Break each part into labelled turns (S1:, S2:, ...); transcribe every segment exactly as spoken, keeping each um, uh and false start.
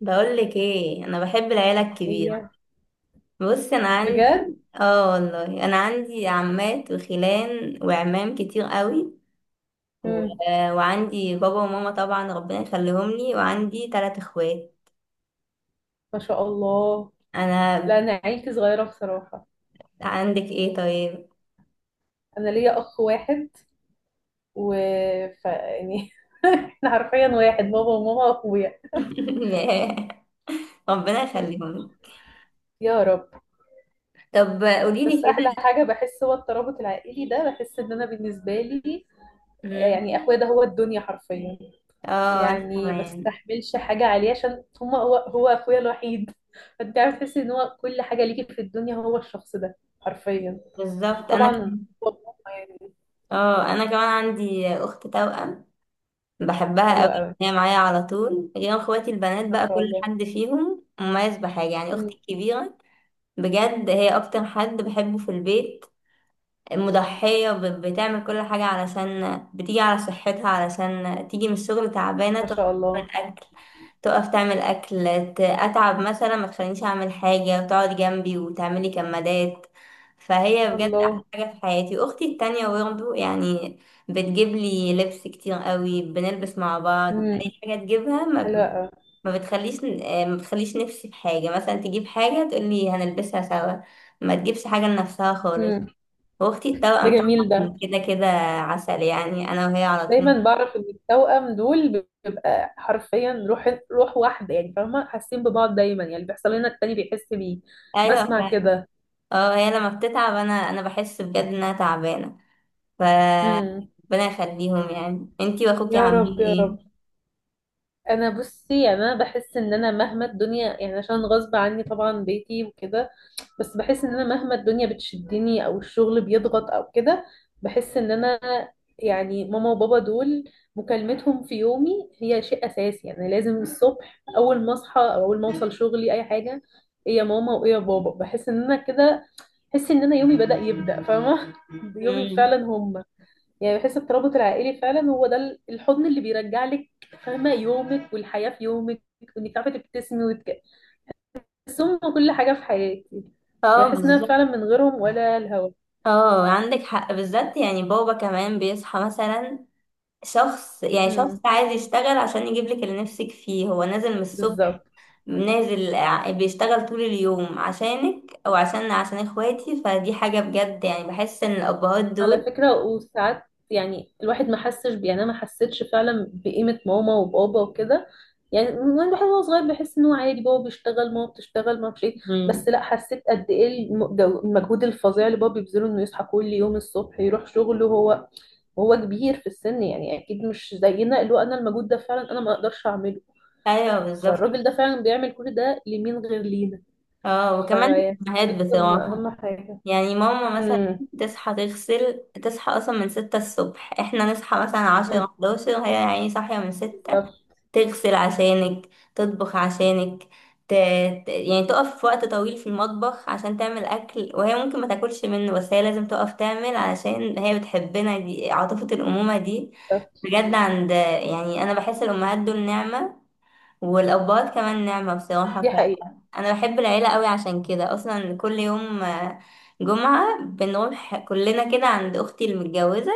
S1: بقولك ايه، انا بحب العيله الكبيره.
S2: هي؟
S1: بص، انا
S2: بجد؟
S1: عندي، اه والله، انا عندي عمات وخلان وعمام كتير قوي. و...
S2: امم
S1: وعندي بابا وماما طبعا ربنا يخليهم لي، وعندي ثلاث اخوات.
S2: ما شاء الله. لا،
S1: انا
S2: انا عيلتي صغيره بصراحه.
S1: عندك ايه طيب؟
S2: انا ليا اخ واحد، و ف... يعني، احنا حرفيا واحد، بابا وماما واخويا.
S1: ياه، ربنا
S2: مم.
S1: يخليهم لي.
S2: يا رب.
S1: طب قولي لي
S2: بس
S1: كده.
S2: احلى حاجه بحس، هو الترابط العائلي ده. بحس ان انا بالنسبه لي
S1: مم.
S2: يعني اخويا ده هو الدنيا حرفيا.
S1: اه، انا
S2: يعني ما
S1: كمان.
S2: بستحملش حاجه عليه عشان هما هو هو اخويا الوحيد. فانت عارف، تحس ان هو كل حاجه ليكي في الدنيا، هو الشخص ده حرفيا.
S1: بالظبط، انا
S2: طبعا.
S1: كمان.
S2: هو ماما يعني.
S1: اه انا كمان عندي اخت توأم، بحبها
S2: حلو
S1: قوي،
S2: قوي.
S1: هي معايا على طول. غير اخواتي البنات
S2: ما
S1: بقى،
S2: شاء
S1: كل
S2: الله.
S1: حد فيهم مميز بحاجة. يعني
S2: مم.
S1: اختي الكبيرة، بجد هي اكتر حد بحبه في البيت. مضحية، ب- بتعمل كل حاجة، علشان بتيجي على صحتها، علشان تيجي من الشغل تعبانة،
S2: ما
S1: تقف
S2: شاء الله.
S1: تعمل أكل. تقف تعمل أكل. ت- أتعب مثلا ما تخلينيش أعمل حاجة، وتقعد جنبي وتعملي كمادات. فهي بجد أحلى
S2: الله.
S1: حاجة في حياتي. أختي التانية برضه يعني بتجيب لي لبس كتير قوي، بنلبس مع بعض.
S2: مم.
S1: أي حاجة تجيبها، ما
S2: حلو
S1: ب-
S2: قوي.
S1: ما بتخليش ما بتخليش نفسي في حاجة. مثلا تجيب حاجة تقولي هنلبسها سوا، ما تجيبش حاجة لنفسها خالص.
S2: مم.
S1: واختي
S2: ده
S1: التوأم
S2: جميل ده.
S1: طبعا كده كده عسل، يعني انا وهي على طول.
S2: دايما بعرف ان التوأم دول بيبقى حرفيا روح روح واحده، يعني فاهمه، حاسين ببعض دايما. يعني اللي بيحصل لنا التاني بيحس بيه،
S1: ايوه
S2: بسمع
S1: فعلا.
S2: كده.
S1: اه، هي لما بتتعب انا انا بحس بجد انها تعبانه. ف
S2: مم.
S1: ربنا يخليهم. يعني انتي واخوكي
S2: يا رب يا
S1: عاملين
S2: رب. انا بصي، يعني انا بحس ان انا مهما الدنيا، يعني عشان غصب عني طبعا بيتي وكده، بس بحس ان انا مهما الدنيا بتشدني او الشغل بيضغط او كده، بحس ان انا يعني ماما وبابا دول، مكالمتهم في يومي هي شيء اساسي. يعني لازم الصبح اول ما اصحى او اول ما اوصل شغلي اي حاجه، ايه يا ماما وايه يا بابا. بحس ان انا كده بحس ان انا يومي بدأ يبدأ، فاهمه؟ يومي
S1: ايه؟ امم
S2: فعلا هم. يعني بحس الترابط العائلي فعلا هو ده ال- الحضن اللي بيرجع لك، فاهمه، يومك والحياه في يومك، وانك تعرفي تبتسمي وتك... بس هم كل حاجه في حياتي.
S1: اه،
S2: يعني بحس ان انا فعلا
S1: بالظبط.
S2: من غيرهم ولا الهوا.
S1: اه، عندك حق. بالذات يعني بابا كمان بيصحى مثلا، شخص، يعني شخص
S2: امم،
S1: عايز يشتغل عشان يجيب لك اللي نفسك فيه. هو نازل من الصبح،
S2: بالظبط.
S1: نازل ع- بيشتغل طول اليوم عشانك، او عشان عشان اخواتي. فدي حاجة بجد، يعني بحس ان الابهات
S2: على
S1: دول.
S2: فكره وساعات، يعني الواحد ما حسش ب- يعني انا ما حسيتش فعلا بقيمه ماما وبابا وكده. يعني من الواحد وهو صغير بيحس انه عادي، بابا بيشتغل ماما بتشتغل، ما اعرفش ايه.
S1: مم.
S2: بس لا، حسيت قد ايه الم- جو- المجهود الفظيع اللي بابا بيبذله، انه يصحى كل يوم الصبح يروح شغله، هو وهو كبير في السن، يعني اكيد مش زينا. اللي هو انا المجهود ده فعلا انا ما اقدرش اعمله.
S1: ايوه بالظبط.
S2: فالراجل ده فعلا بيعمل كل ده لمين غير لينا؟
S1: اه، وكمان
S2: فيعني
S1: الامهات
S2: بجد هم
S1: بصراحه،
S2: اهم حاجه.
S1: يعني ماما مثلا
S2: امم.
S1: تصحى تغسل. تصحى اصلا من ستة الصبح، احنا نصحى مثلا
S2: أمم.
S1: عشرة حداشر، هي يعني صاحيه من ستة.
S2: بالظبط.
S1: تغسل عشانك، تطبخ عشانك، ت... ت- يعني تقف في وقت طويل في المطبخ عشان تعمل اكل، وهي ممكن ما تاكلش منه، بس هي لازم تقف تعمل علشان هي بتحبنا. دي عاطفه الامومه دي،
S2: بالظبط.
S1: بجد. عند، يعني انا بحس الامهات دول نعمه، والابهات كمان نعمه بصراحه.
S2: دي حقيقه.
S1: انا بحب العيله قوي، عشان كده اصلا كل يوم آه، جمعه بنروح كلنا كده عند اختي المتجوزه،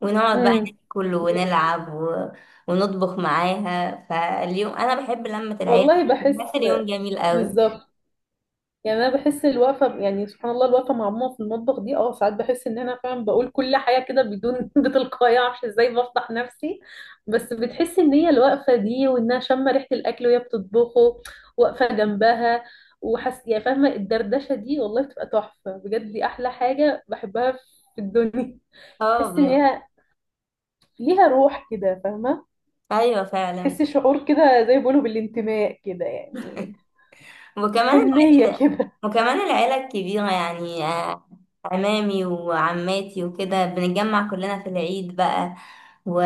S1: ونقعد بقى
S2: امم.
S1: ناكل ونلعب و... ونطبخ معاها. فاليوم انا بحب لمه العيله،
S2: والله
S1: بيبقى
S2: بحس.
S1: اليوم جميل قوي.
S2: بالظبط. يعني انا بحس الوقفه، يعني سبحان الله، الوقفه مع ماما في المطبخ دي، اه ساعات بحس ان انا فعلا بقول كل حاجه كده بدون بتلقائيه، معرفش ازاي بفضح نفسي. بس بتحس ان هي الوقفه دي، وانها شامه ريحه الاكل وهي بتطبخه، واقفه جنبها، وحس يعني، فاهمه؟ الدردشه دي والله بتبقى تحفه بجد. دي احلى حاجه بحبها في الدنيا.
S1: اه،
S2: تحس ان
S1: ب...
S2: هي ليها روح كده، فاهمه؟
S1: ايوه فعلا.
S2: تحس شعور كده زي ما بيقولوا بالانتماء كده يعني،
S1: وكمان
S2: حنيه
S1: العيله
S2: كده.
S1: وكمان العيله الكبيره يعني آه، عمامي وعماتي وكده، بنتجمع كلنا في العيد بقى و...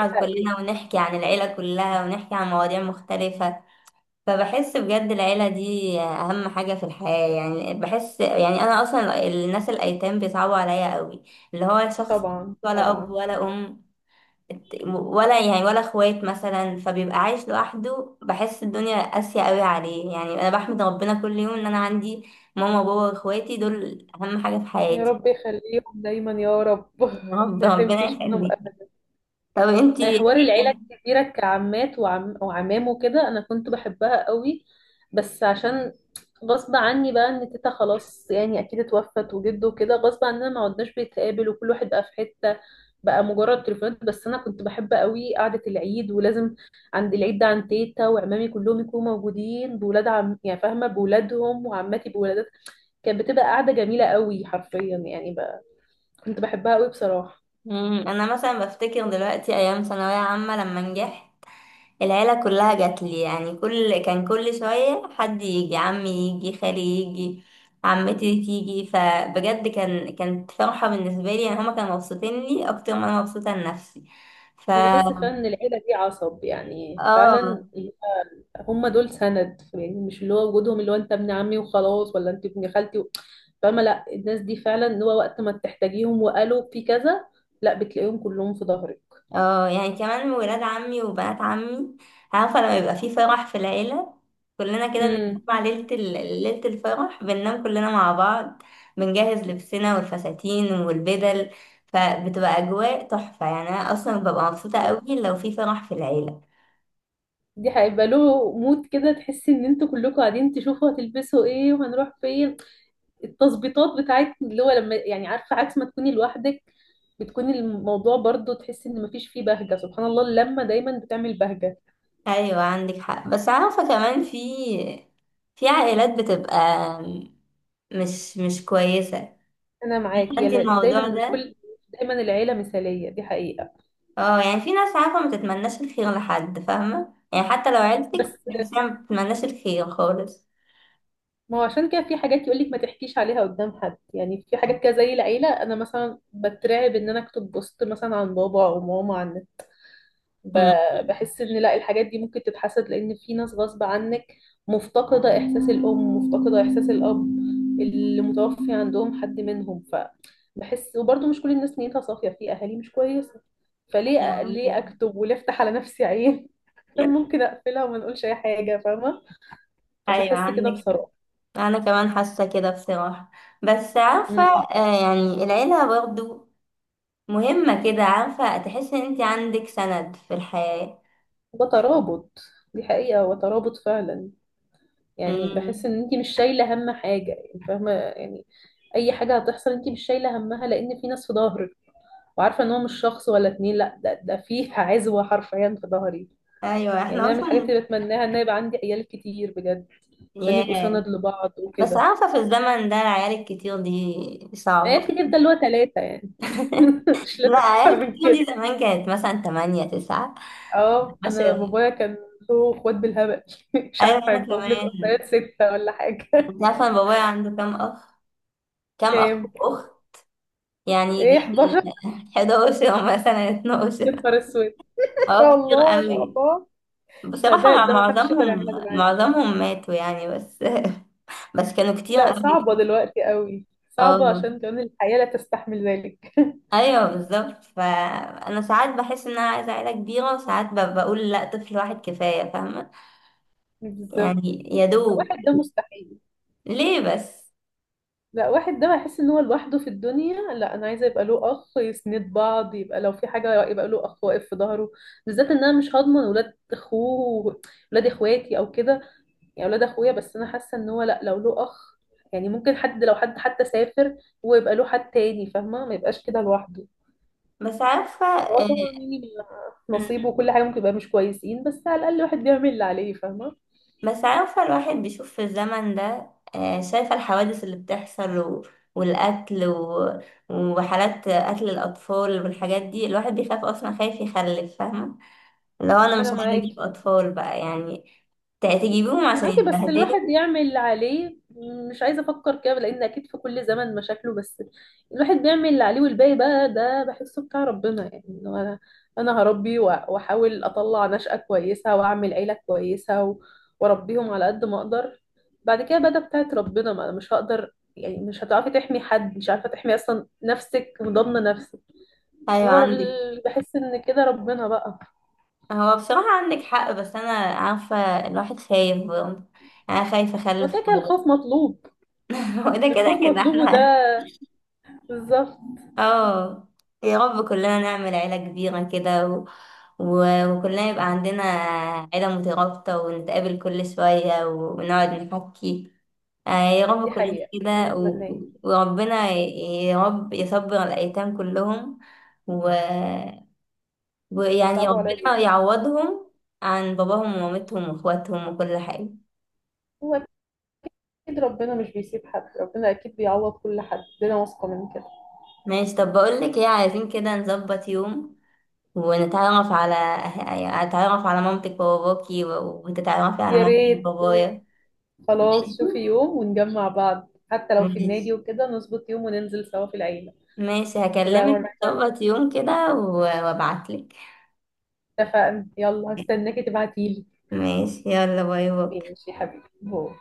S2: حقيقي.
S1: كلنا، ونحكي عن العيله كلها، ونحكي عن مواضيع مختلفه. فبحس بجد العيلة دي أهم حاجة في الحياة، يعني بحس. يعني أنا أصلا الناس الأيتام بيصعبوا عليا قوي، اللي هو شخص
S2: طبعا
S1: ولا أب
S2: طبعا.
S1: ولا أم، ولا يعني ولا اخوات مثلا، فبيبقى عايش لوحده، بحس الدنيا قاسية قوي عليه. يعني أنا بحمد ربنا كل يوم إن أنا عندي ماما وبابا وإخواتي، دول أهم حاجة في
S2: يا
S1: حياتي.
S2: رب يخليهم دايما يا رب،
S1: يا رب.
S2: ما
S1: ربنا
S2: يحرمكيش منهم
S1: يخليك.
S2: ابدا.
S1: طب انتي؟
S2: يعني حوار العيله
S1: ايه.
S2: الكبيره كعمات وعم وعمام وكده، انا كنت بحبها قوي. بس عشان غصب عني بقى ان تيتا خلاص يعني اكيد اتوفت، وجده كده، غصب عننا ما عدناش بنتقابل، وكل واحد بقى في حته، بقى مجرد تليفونات. بس انا كنت بحب قوي قعده العيد، ولازم عند العيد ده عند تيتا وعمامي كلهم يكونوا موجودين، بولاد عم يعني فاهمه، بولادهم وعماتي بولادات. كانت بتبقى قاعده جميله قوي حرفيا يعني، كنت بحبها قوي بصراحة.
S1: مم، انا مثلا بفتكر دلوقتي ايام ثانويه عامه، لما نجحت، العيلة كلها جات لي. يعني كل كان كل شوية حد يجي، عمي يجي، خالي يجي، عمتي تيجي. فبجد كان كانت فرحة بالنسبة لي، يعني هما كانوا مبسوطين لي أكتر ما أنا مبسوطة لنفسي. ف
S2: أنا بحس فعلا إن العيلة دي عصب، يعني فعلا
S1: اه.
S2: هم دول سند. يعني مش اللي هو وجودهم اللي هو أنت ابن عمي وخلاص، ولا أنت ابن خالتي و... فاهمة؟ لا، الناس دي فعلا اللي هو وقت ما تحتاجيهم وقالوا في كذا، لا بتلاقيهم كلهم في ظهرك.
S1: اه. يعني كمان ولاد عمي وبنات عمي، عارفة لما يبقى في فرح في العيلة، كلنا كده
S2: امم.
S1: بنتجمع ليلة ال- ليلة الفرح، بننام كلنا مع بعض، بنجهز لبسنا والفساتين والبدل، فبتبقى أجواء تحفة. يعني أنا أصلا ببقى مبسوطة قوي لو في فرح في العيلة.
S2: دي هيبقى له مود كده، تحسي إن أنتوا كلكم قاعدين تشوفوا هتلبسوا إيه وهنروح فين، التظبيطات بتاعت اللي هو لما يعني، عارفه عكس ما تكوني لوحدك، بتكوني الموضوع برضو تحسي ان مفيش فيه بهجه. سبحان الله، اللمه دايما بتعمل بهجه.
S1: أيوة عندك حق. بس عارفة كمان، في في عائلات بتبقى مش مش كويسة.
S2: انا معاكي
S1: انت
S2: يلا- دايما
S1: الموضوع
S2: مش
S1: ده،
S2: كل، دايما العيله مثاليه، دي حقيقه.
S1: اه، يعني في ناس، عارفة، ما تتمناش الخير لحد، فاهمة؟ يعني حتى لو عيلتك،
S2: بس
S1: بتحسيها ما بتتمناش الخير خالص.
S2: ما هو عشان كده في حاجات يقولك ما تحكيش عليها قدام حد. يعني في حاجات كده زي العيله، انا مثلا بترعب ان انا اكتب بوست مثلا عن بابا او ماما، عن
S1: مم.
S2: ب- بحس ان لا، الحاجات دي ممكن تتحسد، لان في ناس غصب عنك مفتقدة احساس الام، مفتقدة احساس الاب، اللي متوفي عندهم حد منهم. فبحس، وبرضه مش كل الناس نيتها صافية، في اهالي مش كويسة.
S1: أيوة
S2: فليه، ليه
S1: عندك.
S2: اكتب وليه افتح على نفسي عين؟ طب ممكن اقفلها وما نقولش اي حاجة، فاهمة؟
S1: ايوه
S2: فبحس كده
S1: عندك.
S2: بصراحة.
S1: انا كمان حاسه كده بصراحه، بس عارفه،
S2: امم.
S1: آه، يعني العيله برضو مهمه كده، عارفه، تحس ان انت عندك سند في الحياه.
S2: وترابط. دي حقيقة، وترابط فعلا. يعني بحس
S1: امم
S2: ان انت مش شايله هم حاجه، يعني فاهمه يعني، اي حاجه هتحصل انت مش شايله همها، لان في ناس في ظهرك، وعارفه ان هو مش شخص ولا اتنين، لا، ده ده في عزوه حرفيا في ظهري.
S1: ايوه
S2: يعني
S1: احنا
S2: انا من الحاجات
S1: اصلا.
S2: اللي بتمناها ان يبقى عندي عيال كتير بجد، عشان يبقوا
S1: ياه.
S2: سند لبعض
S1: بس
S2: وكده.
S1: عارفه في الزمن ده العيال الكتير دي
S2: عيال
S1: صعبه.
S2: كتير ده اللي هو ثلاثه يعني، مش لازم
S1: لا،
S2: اكتر
S1: عيال
S2: من
S1: كتير دي
S2: كده.
S1: زمان كانت مثلا تمانية تسعة
S2: اه انا
S1: عشرة.
S2: بابايا كان له اخوات بالهبل، مش
S1: أيوة
S2: عارفه
S1: أنا
S2: عندهم لك
S1: كمان.
S2: اخوات سته ولا حاجه.
S1: أنت عارفة أنا بابايا عنده كام أخ؟ كام أخ
S2: كام؟
S1: وأخت؟ يعني
S2: ايه،
S1: يجي
S2: حداشر.
S1: حداشر، مثلا
S2: يا
S1: اتناشر.
S2: نهار اسود، ما شاء
S1: اه كتير
S2: الله ما شاء
S1: قوي.
S2: الله. لا،
S1: بصراحة
S2: ده
S1: مع
S2: ده ما حدش يقدر
S1: معظمهم
S2: يعملها دلوقتي.
S1: معظمهم ماتوا يعني، بس. بس كانوا كتير
S2: لا،
S1: قوي.
S2: صعبة دلوقتي قوي، صعبة
S1: اه.
S2: عشان كمان الحياة لا تستحمل ذلك.
S1: ايوه بالظبط. فانا ساعات بحس ان انا عايزه عيله كبيره، وساعات ب- بقول لا، طفل واحد كفايه، فاهمه؟
S2: بالظبط.
S1: يعني يا
S2: لا،
S1: دوب.
S2: واحد ده مستحيل.
S1: ليه بس؟
S2: لا، واحد ده هيحس ان هو لوحده في الدنيا. لا انا عايزة يبقى له اخ، يسند بعض، يبقى لو في حاجة يبقى له اخ واقف في ظهره. بالذات ان انا مش هضمن ولاد اخوه، ولاد اخواتي او كده، يعني ولاد اخويا. بس انا حاسة ان هو لا، لو له اخ يعني ممكن حد، لو حد حتى سافر، هو يبقى له حد تاني، فاهمة؟ ما يبقاش كده لوحده.
S1: بس عارفه.
S2: هو طبعا يعني
S1: مم.
S2: نصيب، وكل حاجة ممكن يبقى مش كويسين، بس على الأقل الواحد بيعمل اللي عليه، فاهمة؟
S1: بس عارفة الواحد بيشوف في الزمن ده، آه، شايفة الحوادث اللي بتحصل و... والقتل و... وحالات قتل الأطفال والحاجات دي. الواحد بيخاف أصلا، خايف يخلف، فاهمة؟ لو أنا مش
S2: أنا
S1: عايزة أجيب
S2: معاكي.
S1: أطفال بقى يعني، ت- تجيبيهم عشان
S2: معاكي، بس الواحد
S1: يتبهدلوا؟
S2: يعمل اللي عليه. مش عايزة أفكر كده، لأن أكيد في كل زمن مشاكله، بس الواحد بيعمل اللي عليه والباقي بقى ده بحسه بتاع ربنا. يعني إنه أنا أنا هربي، وأ- وأحاول أطلع نشأة كويسة وأعمل عيلة كويسة و- وأربيهم على قد ما أقدر. بعد كده بقى ده بتاعت ربنا، ما أنا مش هقدر يعني، مش هتعرفي تحمي حد، مش عارفة تحمي أصلا نفسك وضامنة نفسك.
S1: أيوة
S2: هو
S1: عندك.
S2: ال- بحس ان كده ربنا بقى.
S1: هو بصراحة عندك حق، بس أنا عارفة الواحد خايف برضه. أنا خايفة
S2: هو
S1: أخلف
S2: كده كده
S1: خالص.
S2: الخوف مطلوب.
S1: هو ده كده
S2: الخوف
S1: كده
S2: مطلوب وده
S1: احنا.
S2: بالظبط.
S1: اه. يا رب كلنا نعمل عيلة كبيرة كده و... و... وكلنا يبقى عندنا عيلة مترابطة، ونتقابل كل شوية، ونقعد نحكي. آه يا
S2: دي
S1: رب كلنا
S2: حقيقة، ده اللي
S1: كده و...
S2: اتمناه.
S1: وربنا ي- يا رب يصبر الأيتام كلهم، و... ويعني
S2: صعبوا عليا جدا.
S1: ربنا يعوضهم عن باباهم ومامتهم واخواتهم وكل حاجة.
S2: هو اكيد ربنا مش بيسيب حد، ربنا اكيد بيعوض كل حد، ده انا واثقة من كده.
S1: ماشي. طب بقولك ايه، عايزين كده نظبط يوم ونتعرف على، يعني أتعرف على مامتك وباباكي، و- وتتعرفي على
S2: يا
S1: مامتك
S2: ريت.
S1: وبابايا. ماشي.
S2: خلاص، شوفي يوم ونجمع بعض، حتى لو في
S1: ماشي.
S2: النادي وكده، نظبط يوم وننزل سوا في العيلة.
S1: ماشي
S2: تبقى
S1: هكلمك.
S2: مرة حلوة.
S1: نظبط يوم كده و- وابعتلك.
S2: اتفقنا، يلا هستناكي تبعتيلي.
S1: ماشي. يلا باي باي.
S2: ماشي يا حبيبي، باي.